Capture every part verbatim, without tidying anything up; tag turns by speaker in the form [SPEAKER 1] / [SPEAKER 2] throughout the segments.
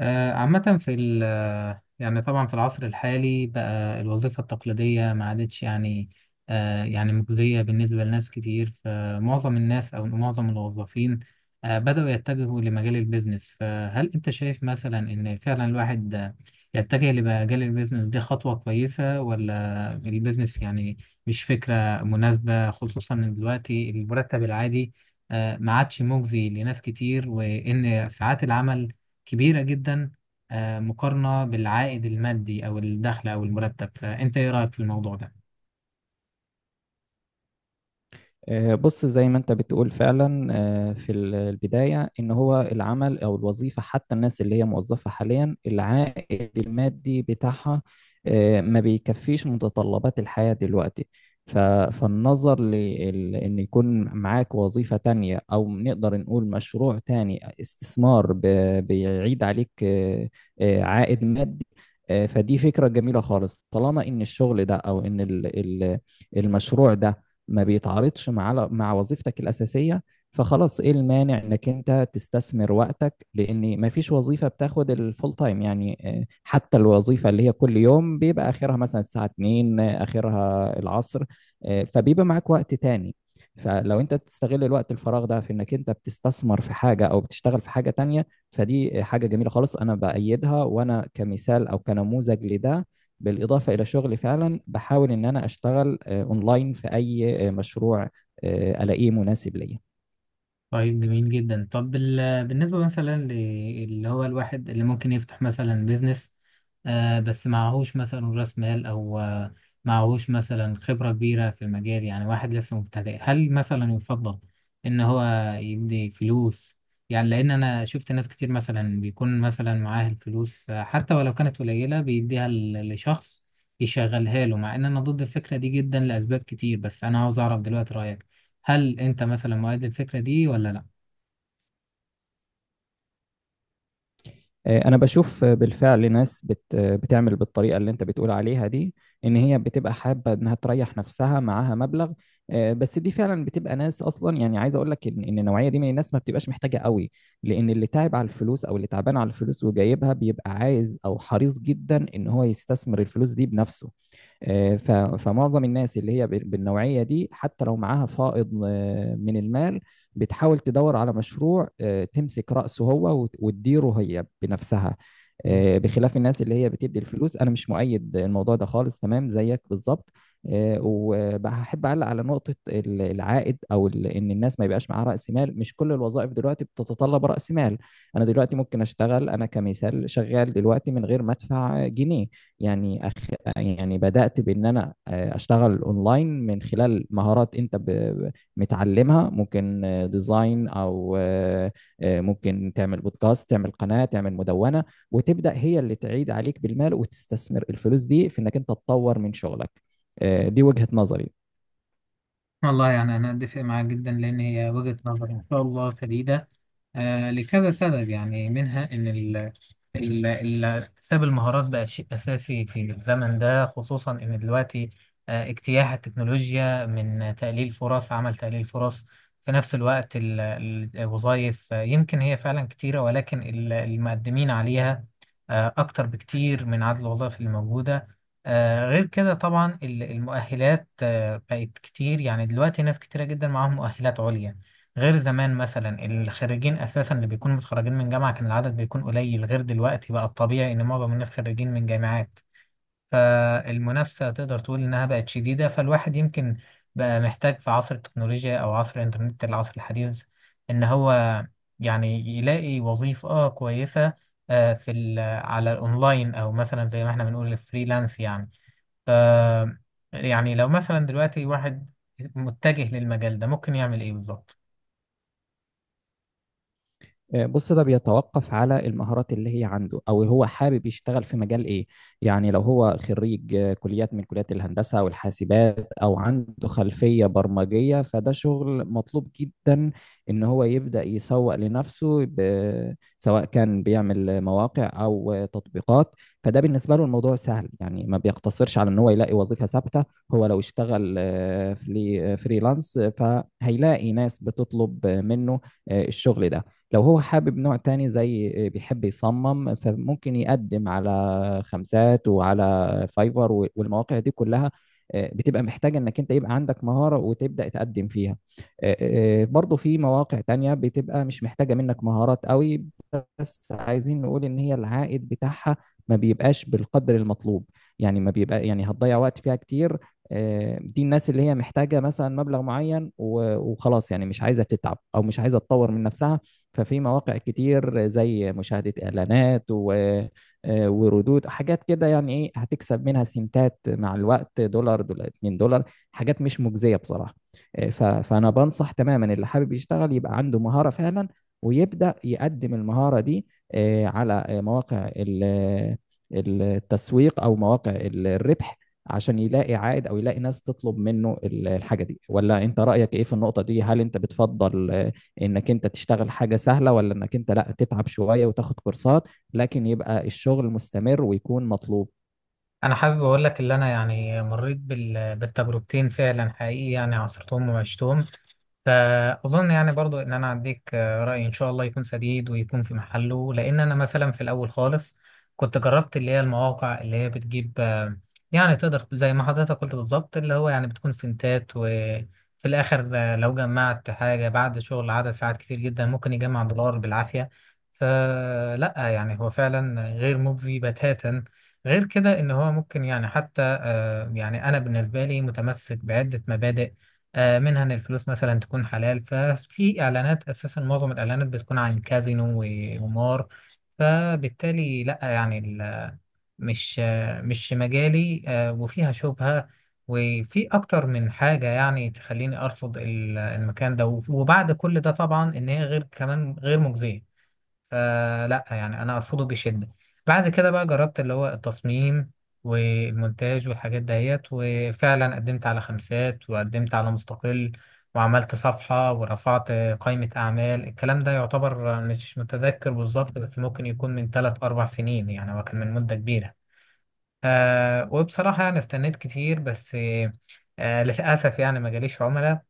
[SPEAKER 1] آه، عامة في ال آه، يعني طبعا في العصر الحالي بقى الوظيفة التقليدية ما عادتش يعني. آه، يعني مجزية بالنسبة لناس كتير، فمعظم الناس أو معظم الوظيفين آه، بدأوا يتجهوا لمجال البيزنس. فهل أنت شايف مثلا إن فعلا الواحد آه، يتجه لمجال البيزنس دي خطوة كويسة، ولا البيزنس يعني مش فكرة مناسبة، خصوصا إن دلوقتي المرتب العادي آه، ما عادش مجزي لناس كتير، وإن ساعات العمل كبيرة جدا آه، مقارنة بالعائد المادي أو الدخل أو المرتب. فأنت إيه رأيك في الموضوع ده؟
[SPEAKER 2] آه، بص زي ما انت بتقول فعلا. آه، في ال- البداية، ان هو العمل او الوظيفة حتى الناس اللي هي موظفة حاليا العائد المادي بتاعها آه، ما بيكفيش متطلبات الحياة دلوقتي. ف- فالنظر لان يكون معاك وظيفة تانية او نقدر نقول مشروع تاني استثمار ب- بيعيد عليك آه، آه، عائد مادي. آه، فدي فكرة جميلة خالص طالما ان الشغل ده او ان ال- ال- المشروع ده ما بيتعارضش مع مع وظيفتك الأساسية. فخلاص ايه المانع انك انت تستثمر وقتك لان ما فيش وظيفة بتاخد الفول تايم، يعني آه، حتى الوظيفة اللي هي كل يوم بيبقى اخرها مثلا الساعة اتنين، آه، اخرها العصر. آه، فبيبقى معاك وقت تاني. فلو انت تستغل الوقت الفراغ ده في انك انت بتستثمر في حاجة او بتشتغل في حاجة تانية، فدي حاجة جميلة خالص انا بأيدها. وانا كمثال او كنموذج لده، بالإضافة إلى شغلي فعلا بحاول إن أنا أشتغل اونلاين في اي آه، مشروع آه، الاقيه مناسب ليا.
[SPEAKER 1] طيب، جميل جدا. طب بال- بالنسبة مثلا ل- اللي هو الواحد اللي ممكن يفتح مثلا بيزنس، آه بس معهوش مثلا راس مال او آه معهوش مثلا خبرة كبيرة في المجال، يعني واحد لسه مبتدئ. هل مثلا يفضل ان هو يدي فلوس؟ يعني لان انا شفت ناس كتير مثلا بيكون مثلا معاه الفلوس آه، حتى ولو كانت قليلة بيديها ل- لشخص يشغلها له، مع ان انا ضد الفكرة دي جدا لاسباب كتير. بس انا عاوز اعرف دلوقتي رأيك، هل انت مثلا مؤيد للفكرة دي ولا لا؟
[SPEAKER 2] آه، انا بشوف آه، بالفعل ناس بت آه، بتعمل بالطريقه اللي انت بتقول عليها دي، ان هي بتبقى حابه انها تريح نفسها معاها مبلغ. آه، بس دي فعلا بتبقى ناس اصلا، يعني عايز اقول لك ان إن النوعيه دي من الناس ما بتبقاش محتاجه قوي، لان اللي تعب على الفلوس او اللي تعبان على الفلوس وجايبها بيبقى عايز او حريص جدا ان هو يستثمر الفلوس دي بنفسه. آه، ف- فمعظم الناس اللي هي بال- بالنوعية دي حتى لو معاها فائض آه، من المال بتحاول تدور على مشروع، آه، تمسك رأسه هو وت- وتديره هي بنفسها. آه، بخلاف الناس اللي هي بتدي الفلوس، أنا مش مؤيد الموضوع ده خالص، تمام زيك بالظبط. آه، وبحب أعلق على نقطة ال- العائد أو ال- إن الناس ما يبقاش معاها رأس مال. مش كل الوظائف دلوقتي بتتطلب رأس مال. أنا دلوقتي ممكن أشتغل، أنا كمثال شغال دلوقتي من غير ما أدفع جنيه. يعني أخ... يعني بدأت بإن أنا آه، أشتغل أونلاين من خلال مهارات أنت ب... متعلمها. ممكن آه، ديزاين أو آه، آه، ممكن تعمل بودكاست، تعمل قناة، تعمل مدونة، وتبدأ هي اللي تعيد عليك بالمال وتستثمر الفلوس دي في إنك أنت تطور من شغلك. آه، دي وجهة نظري.
[SPEAKER 1] والله، يعني أنا أتفق معاك جدا، لأن هي وجهة نظر إن شاء الله سديدة آه، لكذا سبب. يعني منها إن ال ال- ال- اكتساب المهارات بقى شيء أساسي في الزمن ده، خصوصا إن دلوقتي آه، اجتياح التكنولوجيا من تقليل فرص عمل تقليل فرص. في نفس الوقت ال- ال- الوظائف آه، يمكن هي فعلا كتيرة، ولكن ال- المقدمين عليها آه، أكتر بكتير من عدد الوظائف اللي موجودة. آه، غير كده طبعا ال- المؤهلات آه، بقت كتير، يعني دلوقتي ناس كتيرة جدا معاهم مؤهلات عليا، غير زمان مثلا الخريجين اساسا اللي بيكونوا متخرجين من جامعه كان العدد بيكون قليل، غير دلوقتي بقى الطبيعي ان معظم الناس خريجين من جامعات. فالمنافسه تقدر تقول انها بقت شديده، فالواحد يمكن بقى محتاج في عصر التكنولوجيا او عصر الانترنت، العصر الحديث، ان هو يعني يلاقي وظيفه آه كويسه آه في ال- على الاونلاين، او مثلا زي ما احنا بنقول الفريلانس يعني. ف يعني لو مثلا دلوقتي واحد متجه للمجال ده ممكن يعمل ايه بالظبط؟
[SPEAKER 2] آه، بص ده بيتوقف على المهارات اللي هي عنده او هو حابب يشتغل في مجال ايه. يعني لو هو خريج آه، كليات، من كليات الهندسة او الحاسبات او عنده خلفية برمجية، فده شغل مطلوب جدا ان هو يبدأ يسوق لنفسه، ب- سواء كان بيعمل مواقع او آه، تطبيقات. فده بالنسبة له الموضوع سهل، يعني ما بيقتصرش على ان هو يلاقي وظيفة ثابتة. هو لو اشتغل آه، فلي- آه، فريلانس آه، فهيلاقي ناس بتطلب آه، منه آه، الشغل ده. لو هو حابب نوع تاني، زي بيحب يصمم، فممكن يقدم على خمسات وعلى فايفر والمواقع دي كلها. آه، بتبقى محتاجة انك انت يبقى عندك مهارة وتبدأ تقدم فيها. آه، آه، آه، برضو في مواقع تانية بتبقى مش محتاجة منك مهارات قوي، بس عايزين نقول ان هي العائد بتاعها ما بيبقاش بالقدر المطلوب، يعني ما بيبقى، يعني هتضيع وقت فيها كتير. آه، دي الناس اللي هي محتاجة مثلا مبلغ معين و- وخلاص، يعني مش عايزة تتعب او مش عايزة تطور من نفسها. ففي مواقع كتير زي مشاهدة اعلانات و آه، وردود حاجات كده، يعني ايه هتكسب منها؟ سنتات مع الوقت، دولار، دولار، اتنين دولار، حاجات مش مجزية بصراحة. آه، ف- فانا بنصح تماما اللي حابب يشتغل يبقى عنده مهارة فعلا، ويبدأ يقدم المهارة دي آه، على آه، مواقع ال- آه، التسويق أو مواقع ال- الربح، عشان يلاقي عائد أو يلاقي ناس تطلب منه ال- الحاجة دي. ولا أنت رأيك إيه في النقطة دي؟ هل أنت بتفضل آه، إنك أنت تشتغل حاجة سهلة، ولا إنك أنت لا تتعب شوية وتاخد كورسات لكن يبقى الشغل مستمر ويكون مطلوب؟
[SPEAKER 1] انا حابب اقول لك اللي انا يعني مريت بال... بالتجربتين فعلا حقيقي، يعني عاصرتهم وعشتهم. فأظن يعني برضو إن أنا أديك آه، رأي إن شاء الله يكون سديد ويكون في محله. لأن أنا مثلا في الأول خالص كنت جربت اللي هي المواقع اللي هي بتجيب آه، يعني تقدر زي ما حضرتك قلت بالظبط اللي هو يعني بتكون سنتات، وفي الآخر آه، لو جمعت حاجة بعد شغل عدد ساعات كتير جدا ممكن يجمع دولار بالعافية. فلا، يعني هو فعلا غير مجزي بتاتا. غير كده إن هو ممكن يعني حتى آه، يعني أنا بالنسبة لي متمسك بعدة مبادئ، آه، منها ان الفلوس مثلا تكون حلال. ففي اعلانات اساسا معظم الاعلانات بتكون عن كازينو و- وقمار، فبالتالي لا، يعني ال- مش آه، مش مجالي آه، وفيها شبهة، وفي اكتر من حاجة يعني تخليني ارفض ال- المكان ده. وف- وبعد كل ده طبعا ان هي غير كمان غير مجزية، فلا يعني انا ارفضه بشده. بعد كده بقى جربت اللي هو التصميم والمونتاج والحاجات دهيت، وفعلا قدمت على خمسات وقدمت على مستقل، وعملت صفحة ورفعت قائمة أعمال. الكلام ده يعتبر مش متذكر بالظبط، بس ممكن يكون من ثلاث أربع سنين، يعني هو كان من مدة كبيرة. آه، وبصراحة يعني استنيت كتير، بس آه للأسف يعني ما جاليش عملاء.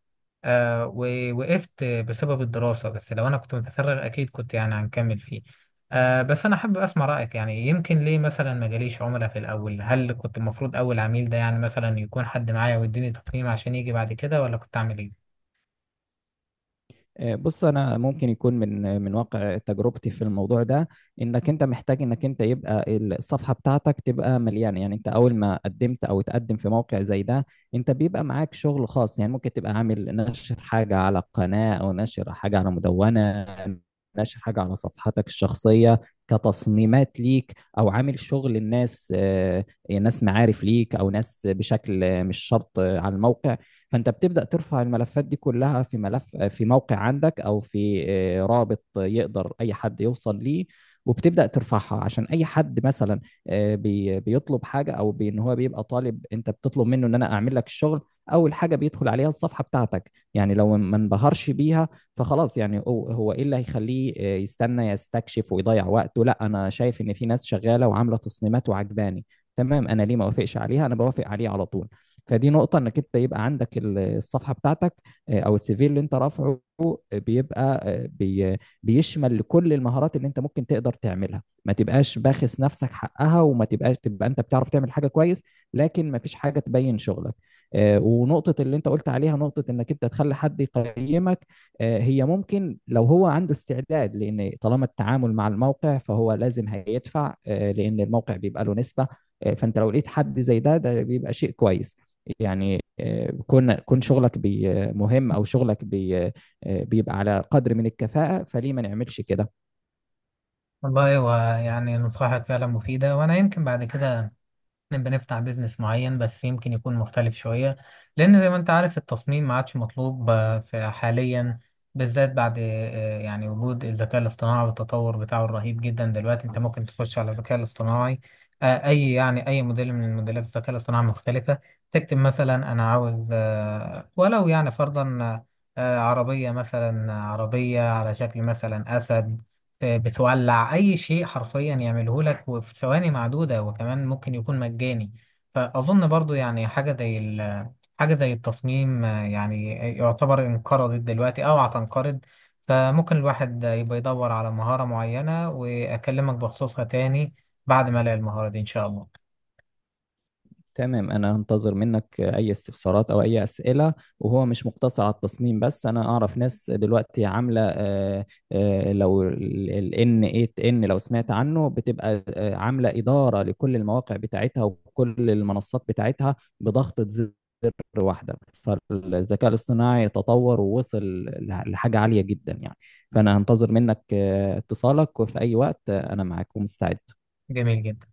[SPEAKER 1] آه، ووقفت بسبب الدراسة، بس لو أنا كنت متفرغ أكيد كنت يعني هنكمل فيه. آه، بس أنا حابب أسمع رأيك، يعني يمكن ليه مثلا ما جاليش عملاء في الأول؟ هل كنت المفروض أول عميل ده يعني مثلا يكون حد معايا ويديني تقييم عشان يجي بعد كده، ولا كنت أعمل إيه؟
[SPEAKER 2] آه، بص انا ممكن يكون، من من واقع تجربتي في الموضوع ده، انك انت محتاج انك انت يبقى الصفحه بتاعتك تبقى مليانه. يعني انت اول ما قدمت او تقدم في موقع زي ده، انت بيبقى معاك شغل خاص. يعني ممكن تبقى عامل نشر حاجه على قناه، او نشر حاجه على مدونه، نشر حاجه على صفحتك الشخصيه كتصميمات ليك، او عامل شغل الناس، آه، ناس معارف ليك او ناس، بشكل مش شرط على الموقع. فانت بتبدا ترفع الملفات دي كلها في ملف في موقع عندك او في آه، رابط يقدر اي حد يوصل ليه. وبتبدا ترفعها عشان اي حد مثلا آه، بي- بيطلب حاجه، او بي- ان هو بيبقى طالب انت بتطلب منه ان انا اعمل لك الشغل. اول حاجه بيدخل عليها الصفحه بتاعتك، يعني لو ما انبهرش بيها فخلاص، يعني هو هو ايه اللي هيخليه آه، يستنى يستكشف ويضيع وقته؟ لا، انا شايف ان في ناس شغاله وعامله تصميمات وعجباني، تمام، انا ليه ما اوافقش عليها؟ انا بوافق عليه على طول. فدي نقطة، انك انت يبقى عندك ال- الصفحة بتاعتك آه، او السيفي اللي انت رافعه، آه، بيبقى آه، بي بيشمل كل المهارات اللي انت ممكن تقدر تعملها. ما تبقاش باخس نفسك حقها، وما تبقاش تبقى انت بتعرف تعمل حاجة كويس لكن ما فيش حاجة تبين شغلك. آه، ونقطة اللي انت قلت عليها، نقطة انك انت تخلي حد يقيمك، آه، هي ممكن لو هو عنده استعداد، لان طالما التعامل مع الموقع فهو لازم هيدفع آه، لان الموقع بيبقى له نسبة. آه، فانت لو لقيت حد زي ده، ده بيبقى شيء كويس. يعني آه، كون كون شغلك بي- مهم، او شغلك بي- آه، بيبقى على قدر من الكفاءة، فليه ما نعملش كده؟
[SPEAKER 1] والله، هو يعني نصائحك فعلا مفيدة، وأنا يمكن بعد كده نبقى نفتح بيزنس معين، بس يمكن يكون مختلف شوية، لأن زي ما أنت عارف التصميم ما عادش مطلوب آه، في حاليا، بالذات بعد آه، يعني وجود الذكاء الاصطناعي والتطور بتاعه الرهيب جدا. دلوقتي أنت ممكن تخش على الذكاء الاصطناعي آه، أي يعني أي موديل من موديلات الذكاء الاصطناعي مختلفة، تكتب مثلا أنا عاوز آه، ولو يعني فرضا آه، عربية، مثلا عربية على شكل مثلا أسد آه، بتولع اي شيء حرفيا يعمله لك وفي ثواني معدوده، وكمان ممكن يكون مجاني. فاظن برضو يعني حاجه زي ال- حاجه زي التصميم آه، يعني يعتبر انقرضت دلوقتي او هتنقرض. فممكن الواحد يبقى يدور على مهاره معينه واكلمك بخصوصها تاني بعد ما الاقي المهاره دي ان شاء الله.
[SPEAKER 2] تمام، أنا هنتظر منك أي استفسارات أو أي أسئلة. وهو مش مقتصر على التصميم بس، أنا أعرف ناس دلوقتي عاملة، آه، آه، لو ال إن إيت إن لو سمعت عنه، بتبقى آه، عاملة إدارة لكل المواقع بتاعتها وكل المنصات بتاعتها بضغطة زر واحدة. فالذكاء الاصطناعي تطور ووصل لح- لحاجة عالية جدا يعني. فأنا هنتظر منك آه، اتصالك وفي أي وقت آه، أنا معاك ومستعد.
[SPEAKER 1] جميل جدا.